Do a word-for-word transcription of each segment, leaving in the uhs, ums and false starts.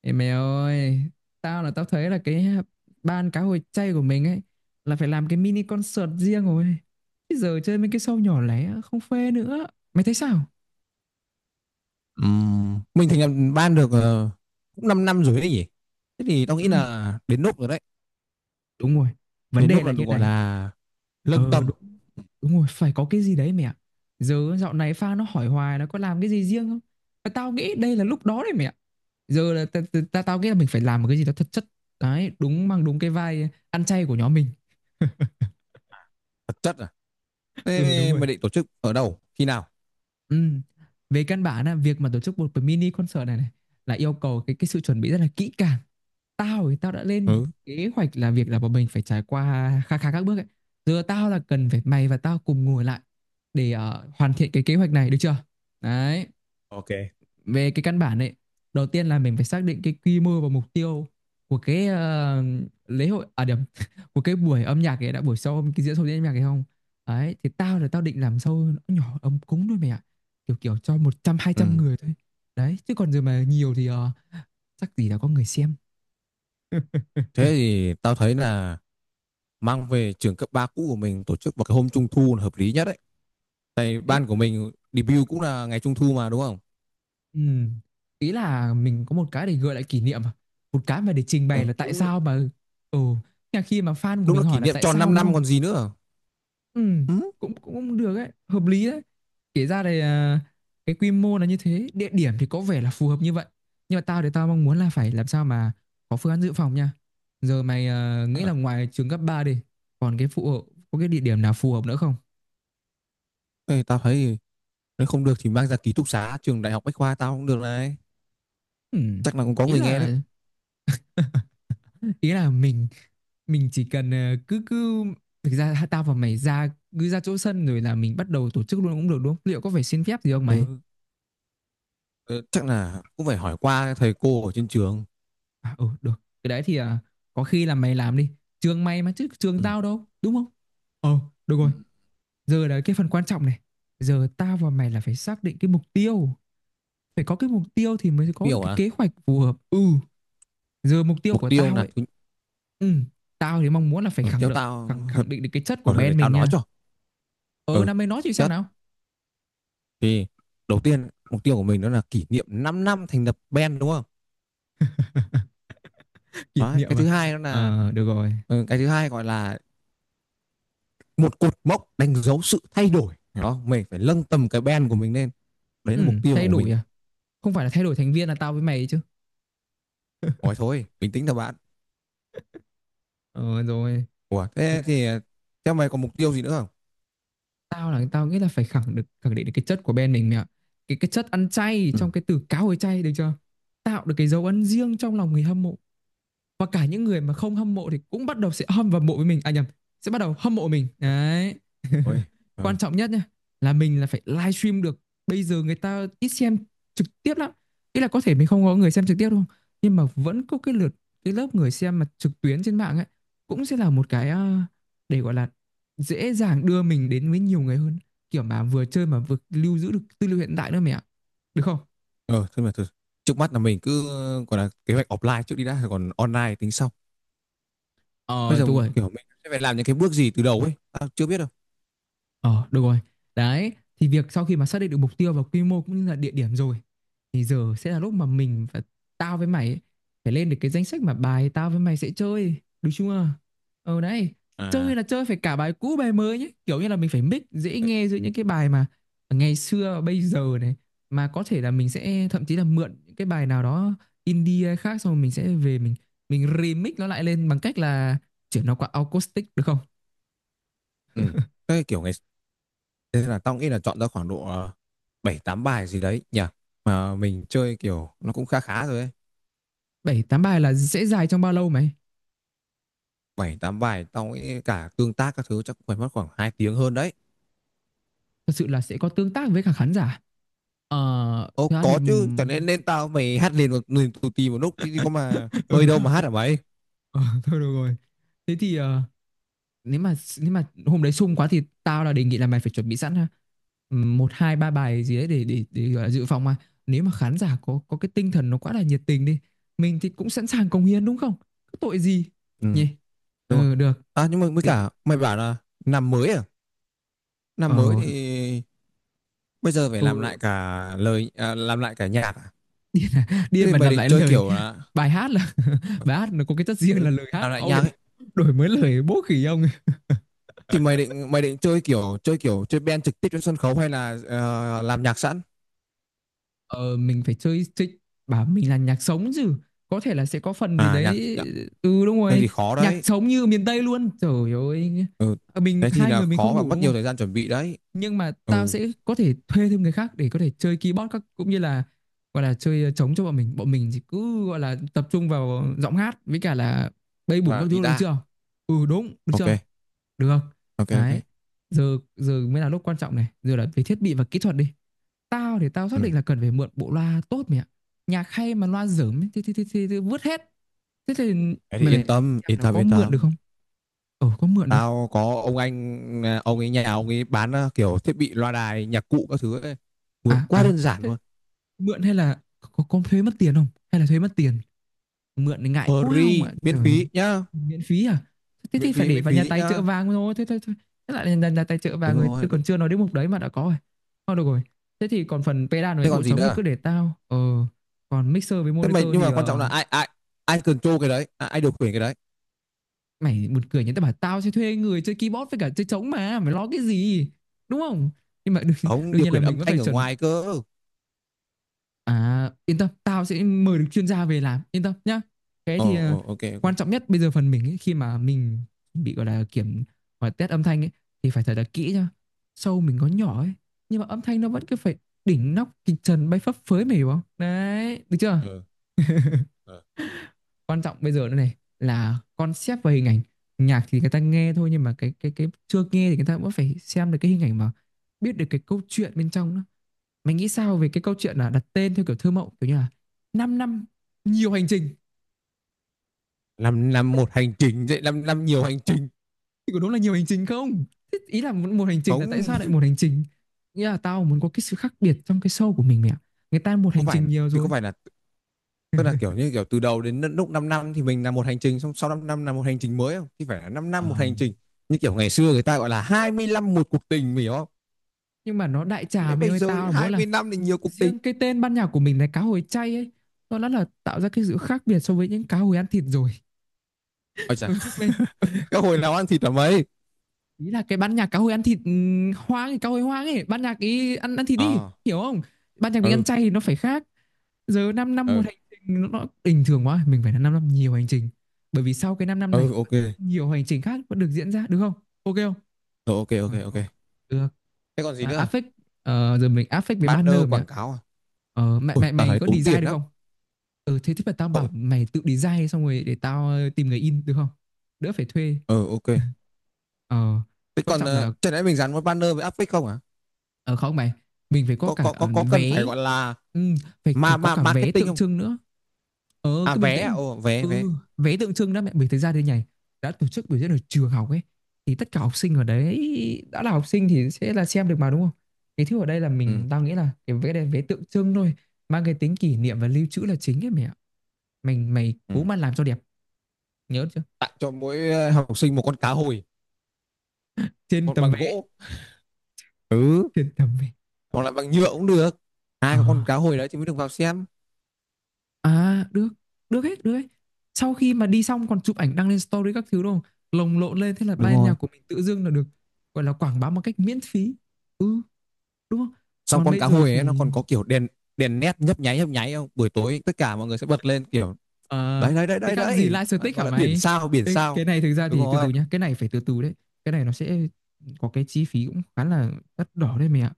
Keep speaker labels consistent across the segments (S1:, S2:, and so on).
S1: Ê mày ơi, tao là tao thấy là cái ban cá hồi chay của mình ấy là phải làm cái mini concert riêng rồi. Bây giờ chơi mấy cái show nhỏ lẻ không phê nữa. Mày thấy sao?
S2: Ừm, Mình thành lập ban được ờ, cũng 5 năm rồi đấy nhỉ. Thế thì tao
S1: Ừ,
S2: nghĩ là đến lúc rồi đấy.
S1: đúng rồi. Vấn
S2: Đến
S1: đề
S2: lúc
S1: là
S2: là được
S1: như
S2: gọi
S1: này.
S2: là lâng
S1: Ờ
S2: tầm,
S1: đúng, đúng rồi, phải có cái gì đấy mẹ. Giờ dạo này fan nó hỏi hoài nó có làm cái gì riêng không? Mà tao nghĩ đây là lúc đó đấy mẹ. Giờ là ta, ta, ta, tao nghĩ là mình phải làm một cái gì đó thật chất. Đấy, đúng mang đúng cái vai ăn chay của nhóm mình.
S2: thực chất à.
S1: Ừ đúng
S2: Thế
S1: rồi.
S2: mày định tổ chức ở đâu, khi nào?
S1: Ừ. Về căn bản là việc mà tổ chức một cái mini concert này này là yêu cầu cái cái sự chuẩn bị rất là kỹ càng. Tao thì tao đã lên
S2: Ừ.
S1: kế hoạch là việc là bọn mình phải trải qua khá khá các bước ấy. Giờ tao là cần phải mày và tao cùng ngồi lại để ờ, hoàn thiện cái kế hoạch này được chưa? Đấy,
S2: Ok.
S1: về cái căn bản ấy, đầu tiên là mình phải xác định cái quy mô và mục tiêu của cái ờ, lễ hội, à điểm của cái buổi âm nhạc ấy đã, buổi sau cái diễn sâu diễn âm nhạc ấy không. Đấy thì tao là tao định làm sâu nó nhỏ ấm cúng thôi mày ạ, kiểu kiểu cho một trăm hai
S2: Ừ.
S1: trăm người thôi. Đấy chứ còn giờ mà nhiều thì ờ, chắc gì đã có người xem.
S2: Thế thì tao thấy là mang về trường cấp ba cũ của mình tổ chức vào cái hôm trung thu là hợp lý nhất đấy. Tại
S1: Đấy
S2: ban của mình debut cũng là ngày trung thu mà đúng không?
S1: ừ. Ý là mình có một cái để gợi lại kỷ niệm à? Một cái mà để trình bày
S2: Ừ.
S1: là tại
S2: Đúng,
S1: sao mà ừ khi mà fan của
S2: đúng là
S1: mình hỏi
S2: kỷ
S1: là
S2: niệm
S1: tại
S2: tròn
S1: sao
S2: 5
S1: đúng
S2: năm
S1: không.
S2: còn gì nữa.
S1: Ừ,
S2: Ừ.
S1: cũng cũng cũng được ấy, hợp lý đấy. Kể ra thì à, cái quy mô là như thế, địa điểm thì có vẻ là phù hợp như vậy. Nhưng mà tao thì tao mong muốn là phải làm sao mà có phương án dự phòng nha. Giờ mày à, nghĩ
S2: Ờ,
S1: là ngoài trường cấp ba đi, còn cái phụ hộ có cái địa điểm nào phù hợp nữa không?
S2: Thế tao thấy nếu không được thì mang ra ký túc xá trường đại học Bách khoa tao cũng được này.
S1: Ừ,
S2: Chắc là cũng có
S1: ý
S2: người nghe đấy.
S1: là ý là mình mình chỉ cần ờ, cứ cứ thực ra tao và mày ra, cứ ra chỗ sân rồi là mình bắt đầu tổ chức luôn cũng được đúng không? Liệu có phải xin phép gì không mày?
S2: Ừ, ừ, chắc là cũng phải hỏi qua thầy cô ở trên trường.
S1: À, ừ, được. Cái đấy thì à, có khi là mày làm đi. Trường mày mà chứ trường
S2: Ừ.
S1: tao đâu, đúng không? Ờ, được
S2: Ừ,
S1: rồi. Giờ là cái phần quan trọng này. Giờ tao và mày là phải xác định cái mục tiêu. Phải có cái mục tiêu thì mới có được
S2: tiêu
S1: cái
S2: à?
S1: kế hoạch phù hợp. Ừ, giờ mục tiêu
S2: Mục
S1: của
S2: tiêu
S1: tao
S2: là
S1: ấy.
S2: thứ.
S1: Ừ, tao thì mong muốn là phải
S2: Ừ,
S1: khẳng
S2: theo
S1: định
S2: tao
S1: khẳng,
S2: thật.
S1: khẳng định được cái chất của
S2: Ờ, thôi để
S1: band
S2: tao
S1: mình
S2: nói
S1: nha.
S2: cho.
S1: Ừ,
S2: Ừ,
S1: năm mày nói chị xem
S2: chất
S1: nào.
S2: thì đầu tiên mục tiêu của mình đó là kỷ niệm 5 năm thành lập band đúng không?
S1: Kỷ
S2: Đấy, cái
S1: niệm à?
S2: thứ hai đó là
S1: Ờ, được rồi.
S2: ừ, cái thứ hai gọi là một cột mốc đánh dấu sự thay đổi đó mình phải nâng tầm cái band của mình lên. Đấy là
S1: Ừ,
S2: mục tiêu
S1: thay
S2: của mình
S1: đổi
S2: đấy.
S1: à? Không phải là thay đổi thành viên là tao với mày chứ.
S2: Ôi thôi bình tĩnh thôi bạn.
S1: Ờ, rồi.
S2: Ủa thế thì ờ, theo mày còn mục tiêu gì nữa không?
S1: tao là tao nghĩ là phải khẳng được khẳng định được cái chất của bên mình mẹ ạ. cái cái chất ăn chay
S2: Ừ.
S1: trong cái từ cá hồi chay được chưa, tạo được cái dấu ấn riêng trong lòng người hâm mộ, và cả những người mà không hâm mộ thì cũng bắt đầu sẽ hâm và mộ với mình, à nhầm, sẽ bắt đầu hâm mộ mình đấy.
S2: Ôi, ừ.
S1: Quan trọng nhất nhá, là mình là phải livestream được. Bây giờ người ta ít xem trực tiếp lắm. Ý là có thể mình không có người xem trực tiếp đâu nhưng mà vẫn có cái lượt, cái lớp người xem mà trực tuyến trên mạng ấy, cũng sẽ là một cái ờ, để gọi là dễ dàng đưa mình đến với nhiều người hơn, kiểu mà vừa chơi mà vừa lưu giữ được tư liệu hiện tại nữa mẹ ạ, được không.
S2: Ờ, thế mà thật- trước mắt là mình cứ gọi là kế hoạch offline trước đi đã, rồi còn online tính sau. Bây
S1: Ờ
S2: giờ
S1: đúng rồi.
S2: kiểu mình sẽ phải làm những cái bước gì từ đầu ấy, tao chưa biết đâu.
S1: Ờ được rồi. Đấy, thì việc sau khi mà xác định được mục tiêu và quy mô cũng như là địa điểm rồi, thì giờ sẽ là lúc mà mình và tao với mày ấy, phải lên được cái danh sách mà bài tao với mày sẽ chơi, đúng chưa. Ờ đấy,
S2: À,
S1: chơi là chơi phải cả bài cũ bài mới nhé, kiểu như là mình phải mix dễ
S2: thế-
S1: nghe giữa những cái bài mà ngày xưa và bây giờ này, mà có thể là mình sẽ thậm chí là mượn những cái bài nào đó indie hay khác, xong rồi mình sẽ về mình mình remix nó lại lên bằng cách là chuyển nó qua acoustic, được không.
S2: ừ. Cái kiểu ngày Thế là tao nghĩ là chọn ra khoảng độ ờ, bảy tám bài gì đấy nhỉ. Mà mình chơi kiểu nó cũng khá khá rồi ấy.
S1: Bảy tám bài là sẽ dài trong bao lâu mày?
S2: Bảy tám bài tao nghĩ cả tương tác các thứ chắc cũng phải mất khoảng hai tiếng hơn đấy.
S1: Thật sự là sẽ có tương tác với cả khán giả? Ờ,
S2: Ồ
S1: thực ra thì
S2: có chứ, cho nên nên tao mày hát liền một liền tù tì một lúc thì có mà hơi đâu mà
S1: ừ.
S2: hát hả mày?
S1: Ờ, thôi được rồi, thế thì ờ, nếu mà nếu mà hôm đấy sung quá thì tao là đề nghị là mày phải chuẩn bị sẵn ha, Ừm, một hai ba bài gì đấy để để để gọi là dự phòng, mà nếu mà khán giả có có cái tinh thần nó quá là nhiệt tình đi, mình thì cũng sẵn sàng cống hiến đúng không, có tội gì
S2: Ừ,
S1: nhỉ.
S2: đúng rồi.
S1: Ừ được.
S2: À nhưng mà với
S1: Thế thì,
S2: cả mày bảo là năm mới à?
S1: ờ
S2: Năm mới thì bây giờ phải làm
S1: ừ,
S2: lại cả lời à, làm lại cả nhạc à? Thế
S1: điên
S2: thì
S1: mà
S2: mày
S1: làm
S2: định
S1: lại
S2: chơi
S1: lời
S2: kiểu là
S1: bài hát là. Bài hát nó có cái chất riêng là
S2: ừ,
S1: lời, hát
S2: làm lại
S1: ông
S2: nhạc
S1: lại
S2: ấy.
S1: đổi mới lời bố khỉ ông.
S2: Thì mày định mày định chơi kiểu chơi kiểu chơi band trực tiếp trên sân khấu hay là ờ, làm nhạc sẵn?
S1: Ờ, mình phải chơi thích, bảo mình là nhạc sống chứ, có thể là sẽ có phần gì
S2: À nhạc,
S1: đấy.
S2: nhạc.
S1: Ừ đúng
S2: Thế
S1: rồi,
S2: thì khó
S1: nhạc
S2: đấy.
S1: sống như miền Tây luôn trời ơi.
S2: Ừ.
S1: Ờ, mình
S2: Thế thì
S1: hai
S2: là
S1: người mình
S2: khó
S1: không
S2: và
S1: đủ
S2: mất
S1: đúng
S2: nhiều
S1: không,
S2: thời gian chuẩn bị đấy.
S1: nhưng mà tao
S2: Ừ,
S1: sẽ có thể thuê thêm người khác để có thể chơi keyboard các cũng như là gọi là chơi ờ, trống cho bọn mình, bọn mình thì cứ gọi là tập trung vào giọng hát với cả là bay bổng
S2: và
S1: các thứ được
S2: guitar.
S1: chưa. Ừ đúng, được
S2: Ok,
S1: chưa, được không?
S2: ok,
S1: Đấy.
S2: ok.
S1: Giờ giờ mới là lúc quan trọng này, giờ là về thiết bị và kỹ thuật đi. Tao thì tao xác
S2: Ừ.
S1: định là cần phải mượn bộ loa tốt mày ạ. Nhạc hay mà loa dởm ấy, thì thì thì, thì, thì vứt hết. Thế thì mày
S2: Thế thì
S1: mày,
S2: yên
S1: mày
S2: tâm,
S1: em
S2: yên
S1: nó
S2: tâm
S1: có
S2: yên
S1: mượn được
S2: tâm.
S1: không? Ờ có mượn được không?
S2: Tao có ông anh à, ông ấy nhà ông ấy bán à, kiểu thiết bị loa đài, nhạc cụ các thứ ấy. Vượt
S1: À
S2: quá
S1: à,
S2: đơn giản
S1: thế
S2: luôn.
S1: mượn hay là có, có thuế mất tiền không? Hay là thuế mất tiền? Mượn thì ngại quá không
S2: Free
S1: ạ
S2: miễn
S1: trời ơi.
S2: phí nhá.
S1: Miễn phí à? Thế
S2: Miễn
S1: thì phải
S2: phí
S1: để
S2: miễn
S1: vào nhà
S2: phí
S1: tài trợ
S2: nhá.
S1: vàng rồi, thế thôi thôi. Thế lại là nhà tài trợ
S2: Đúng
S1: vàng, người tôi
S2: rồi đúng.
S1: còn chưa nói đến mục đấy mà đã có rồi. Thôi được rồi, thế thì còn phần pedal với
S2: Thế
S1: bộ
S2: còn gì
S1: trống thì
S2: nữa?
S1: cứ để tao ờ còn mixer với
S2: Thế mình,
S1: monitor
S2: nhưng
S1: thì
S2: mà quan trọng là
S1: ờ,
S2: ai ai ai control cái đấy à, ai điều khiển cái đấy?
S1: mày buồn cười nhỉ, tao bảo tao sẽ thuê người chơi keyboard với cả chơi trống mà mày lo cái gì, đúng không. Nhưng mà đương,
S2: Không,
S1: đương
S2: điều
S1: nhiên là
S2: khiển
S1: mình
S2: âm
S1: vẫn
S2: thanh
S1: phải
S2: ở
S1: chuẩn.
S2: ngoài cơ.
S1: À, yên tâm, tao sẽ mời được chuyên gia về làm, yên tâm nhá. Cái
S2: Ờ,
S1: thì ờ,
S2: ờ, ok, ok.
S1: quan trọng nhất bây giờ phần mình ấy, khi mà mình bị gọi là kiểm và test âm thanh ấy, thì phải thật là kỹ nhá. Show mình có nhỏ ấy, nhưng mà âm thanh nó vẫn cứ phải đỉnh nóc kịch trần bay phấp phới, mày hiểu không? Đấy, được chưa?
S2: Ờ, ờ.
S1: Quan trọng bây giờ nữa này là concept và hình ảnh. Nhạc thì người ta nghe thôi nhưng mà cái cái cái chưa nghe thì người ta vẫn phải xem được cái hình ảnh mà biết được cái câu chuyện bên trong nữa. Mình nghĩ sao về cái câu chuyện là đặt tên theo kiểu thơ mộng, kiểu như là năm năm nhiều hành trình,
S2: làm làm một hành trình vậy làm làm nhiều hành trình?
S1: thì có đúng là nhiều hành trình không? Thế ý là một, một hành trình là tại sao lại
S2: Không,
S1: một hành trình? Nghĩa là tao muốn có cái sự khác biệt trong cái show của mình mẹ ạ. Người ta một
S2: có
S1: hành
S2: phải
S1: trình nhiều
S2: thì có
S1: rồi.
S2: phải là, tức là kiểu như kiểu từ đầu đến lúc năm năm thì mình làm một hành trình, xong sau năm năm là một hành trình mới, không thì phải là năm
S1: Ờ,
S2: năm một hành trình, như kiểu ngày xưa người ta gọi là hai mươi năm một cuộc tình, mình hiểu không?
S1: nhưng mà nó đại trà
S2: Đấy
S1: mày
S2: bây
S1: ơi,
S2: giờ thì
S1: tao là muốn
S2: hai
S1: là
S2: mươi năm thì nhiều cuộc tình.
S1: riêng cái tên ban nhạc của mình là cá hồi chay ấy. Nó đã là tạo ra cái sự khác biệt so với những cá hồi ăn thịt rồi.
S2: Ôi chà,
S1: Ừ, mày
S2: các hồi nào ăn thịt ở mấy?
S1: ý là cái ban nhạc cá hồi ăn thịt ừ, hoang, cá hồi hoang ấy, ban nhạc ý ăn ăn thịt đi,
S2: À,
S1: hiểu không? Ban nhạc mình ăn
S2: ừ,
S1: chay thì nó phải khác. Giờ 5 năm, năm
S2: ừ,
S1: một hành trình nó bình thường quá, mình phải là 5 năm nhiều hành trình, bởi vì sau cái 5 năm này
S2: ừ, ok, rồi.
S1: nhiều hành trình khác vẫn được diễn ra, được không, ok không?
S2: Ok, ok,
S1: Rồi,
S2: ok.
S1: ok. được.
S2: Thế còn gì
S1: à,
S2: nữa à?
S1: affect ờ, Giờ mình affect với
S2: Banner
S1: banner mày ạ.
S2: quảng cáo à?
S1: ờ, mày
S2: Ôi,
S1: mày
S2: tao
S1: mày
S2: thấy
S1: có
S2: tốn
S1: design
S2: tiền
S1: được
S2: lắm.
S1: không? Ừ, thế thì phải tao bảo
S2: Cậu-
S1: mày tự design xong rồi để tao ờ, tìm người in được không, đỡ phải thuê.
S2: Ừ, ok.
S1: ờ,
S2: Thế
S1: Quan
S2: còn
S1: trọng
S2: uh,
S1: là,
S2: chẳng lẽ mình dán một banner với áp phích không à?
S1: ờ không mày, mình phải có
S2: Có
S1: cả
S2: có có
S1: ờ,
S2: có cần phải
S1: vé,
S2: gọi là
S1: ừ, phải c-
S2: ma
S1: có
S2: ma
S1: cả vé
S2: marketing
S1: tượng
S2: không?
S1: trưng nữa. Ờ
S2: À
S1: cứ bình
S2: vé à?
S1: tĩnh.
S2: Ồ, vé vé.
S1: Ừ, vé tượng trưng đó mẹ, mình thấy ra đây nhảy đã tổ chức biểu diễn ở trường học ấy thì tất cả học sinh ở đấy, đã là học sinh thì sẽ là xem được mà đúng không? Cái thứ ở đây là
S2: Ừ,
S1: mình tao nghĩ là cái vé này vé tượng trưng thôi, mang cái tính kỷ niệm và lưu trữ là chính ấy mẹ. Mình mày
S2: ừ.
S1: cố mà làm cho đẹp, nhớ chưa?
S2: Tặng cho mỗi ờ, học sinh một con cá hồi,
S1: Trên
S2: một
S1: tấm
S2: bằng
S1: vé,
S2: gỗ. Ừ,
S1: trên tấm vé.
S2: hoặc là bằng nhựa cũng được.
S1: Ờ.
S2: Ai có con cá hồi đấy thì mới được vào xem.
S1: À được, được hết, được hết. Sau khi mà đi xong còn chụp ảnh đăng lên story các thứ đúng không? Lồng lộn lên thế là
S2: Đúng
S1: ban nhạc
S2: rồi.
S1: của mình tự dưng là được gọi là quảng bá một cách miễn phí. Ừ, đúng không?
S2: Xong
S1: Còn
S2: con
S1: bây
S2: cá
S1: giờ
S2: hồi ấy nó
S1: thì,
S2: còn có kiểu đèn đèn nét nhấp nháy nhấp nháy không? Buổi tối tất cả mọi người sẽ bật lên kiểu,
S1: ờ,
S2: đấy đấy đấy
S1: thế
S2: đấy
S1: khác gì
S2: đấy,
S1: live static
S2: gọi
S1: hả
S2: là biển
S1: mày?
S2: sao biển
S1: Ê,
S2: sao.
S1: cái này thực ra
S2: Đúng
S1: thì từ từ
S2: rồi.
S1: nhá, cái này phải từ từ đấy. Cái này nó sẽ có cái chi phí cũng khá là đắt đỏ đấy mày ạ.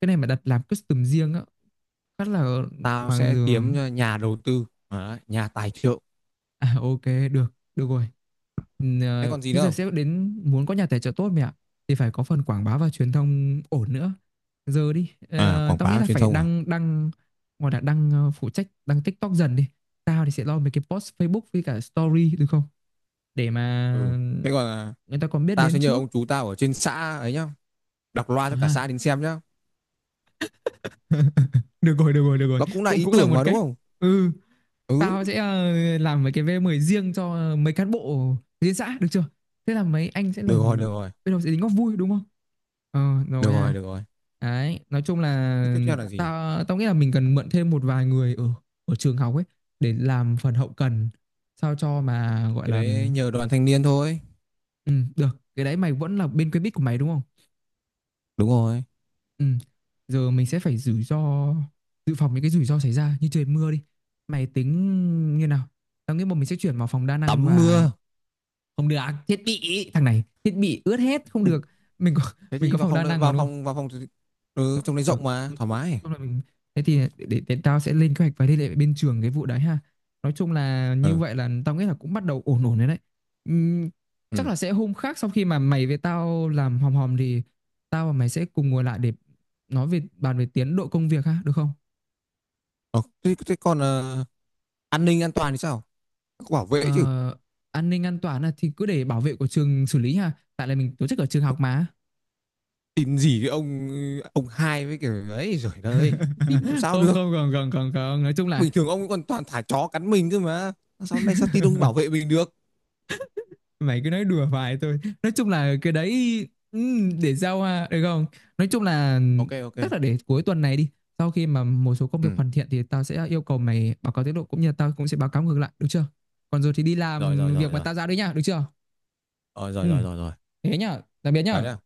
S1: Cái này mà đặt làm custom riêng á, khá là,
S2: Tao
S1: mà
S2: sẽ
S1: giờ.
S2: kiếm nhà đầu tư. Đấy, nhà tài trợ.
S1: À, ok, được, được rồi. Ừm,
S2: Thế
S1: ờ,
S2: còn gì
S1: Thế
S2: nữa
S1: giờ
S2: không?
S1: sẽ đến muốn có nhà tài trợ tốt mẹ ạ thì phải có phần quảng bá và truyền thông ổn nữa. Giờ đi,
S2: À,
S1: ờ,
S2: quảng
S1: tao nghĩ
S2: cáo
S1: là
S2: truyền
S1: phải
S2: thông à?
S1: đăng đăng gọi là đăng, ờ, phụ trách đăng TikTok dần đi. Tao thì sẽ lo mấy cái post Facebook với cả story được không? Để mà
S2: Ừ. Thế còn à,
S1: người ta còn biết
S2: tao
S1: đến
S2: sẽ nhờ
S1: trước.
S2: ông chú tao ở trên xã ấy nhá, đọc loa cho cả
S1: À,
S2: xã đến xem nhá.
S1: được rồi được rồi được rồi,
S2: Nó cũng là
S1: cũng
S2: ý
S1: cũng là
S2: tưởng
S1: một
S2: mà đúng
S1: cách.
S2: không?
S1: Ừ,
S2: Ừ.
S1: tao sẽ ờ, làm mấy cái vê mười riêng cho mấy cán bộ liên xã được chưa, thế là mấy anh sẽ là
S2: Được rồi, được
S1: bên
S2: rồi,
S1: đầu sẽ tính góp vui đúng không? Ờ rồi
S2: được
S1: ha.
S2: rồi. Được rồi.
S1: Đấy, nói chung là
S2: Thế tiếp theo là gì?
S1: tao tao nghĩ là mình cần mượn thêm một vài người ở ở trường học ấy để làm phần hậu cần sao cho mà gọi
S2: Cái
S1: là.
S2: đấy nhờ đoàn thanh niên thôi.
S1: Ừ, được. Cái đấy mày vẫn là bên quen biết của mày đúng không?
S2: Đúng rồi.
S1: Ừ. Giờ mình sẽ phải rủi ro, dự phòng những cái rủi ro xảy ra như trời mưa đi. Mày tính như nào? Tao nghĩ bọn mình sẽ chuyển vào phòng đa năng
S2: Tắm
S1: và
S2: mưa.
S1: không được. À, thiết bị thằng này thiết bị ướt hết không được. Mình có
S2: Thế
S1: mình
S2: thì
S1: có
S2: vào
S1: phòng
S2: phòng
S1: đa
S2: đợi-
S1: năng mà
S2: vào
S1: đúng không?
S2: phòng vào phòng thì- Ừ, trong đấy
S1: Được,
S2: rộng mà
S1: nói
S2: thoải mái.
S1: chung mình, thế thì để, để, để tao sẽ lên kế hoạch và liên hệ với bên trường cái vụ đấy ha. Nói chung là như
S2: Ừ.
S1: vậy là tao nghĩ là cũng bắt đầu ổn ổn đấy đấy. Ừm, chắc
S2: Ừ.
S1: là sẽ hôm khác sau khi mà mày với tao làm hòm hòm thì tao và mày sẽ cùng ngồi lại để nói về, bàn về tiến độ công việc ha được không?
S2: Ờ, thế, thế còn ờ, an ninh an toàn thì sao? Có bảo vệ chứ?
S1: Ờ, an ninh an toàn là thì cứ để bảo vệ của trường xử lý ha, tại là mình tổ chức ở trường học mà.
S2: Tin gì cái ông ông hai với kiểu ấy rồi đấy, tin làm sao
S1: Không
S2: được.
S1: không không không không không, nói chung là
S2: Bình thường ông ấy còn toàn thả chó cắn mình cơ mà, sao nay sao tin ông bảo vệ mình được?
S1: mày cứ nói đùa vài thôi, nói chung là cái đấy, ừm, để giao à, được không, nói chung là
S2: Ok, ok.
S1: tức là để cuối tuần này đi, sau khi mà một số công việc
S2: Ừ.
S1: hoàn thiện thì tao sẽ yêu cầu mày báo cáo tiến độ cũng như là tao cũng sẽ báo cáo ngược lại được chưa? Còn rồi thì đi
S2: Rồi, rồi,
S1: làm việc
S2: rồi,
S1: mà
S2: rồi.
S1: tao giao đấy nhá được chưa?
S2: Ờ, rồi,
S1: Ừ,
S2: rồi, rồi, rồi.
S1: thế nhá, tạm biệt
S2: Chào
S1: nhá.
S2: nhá.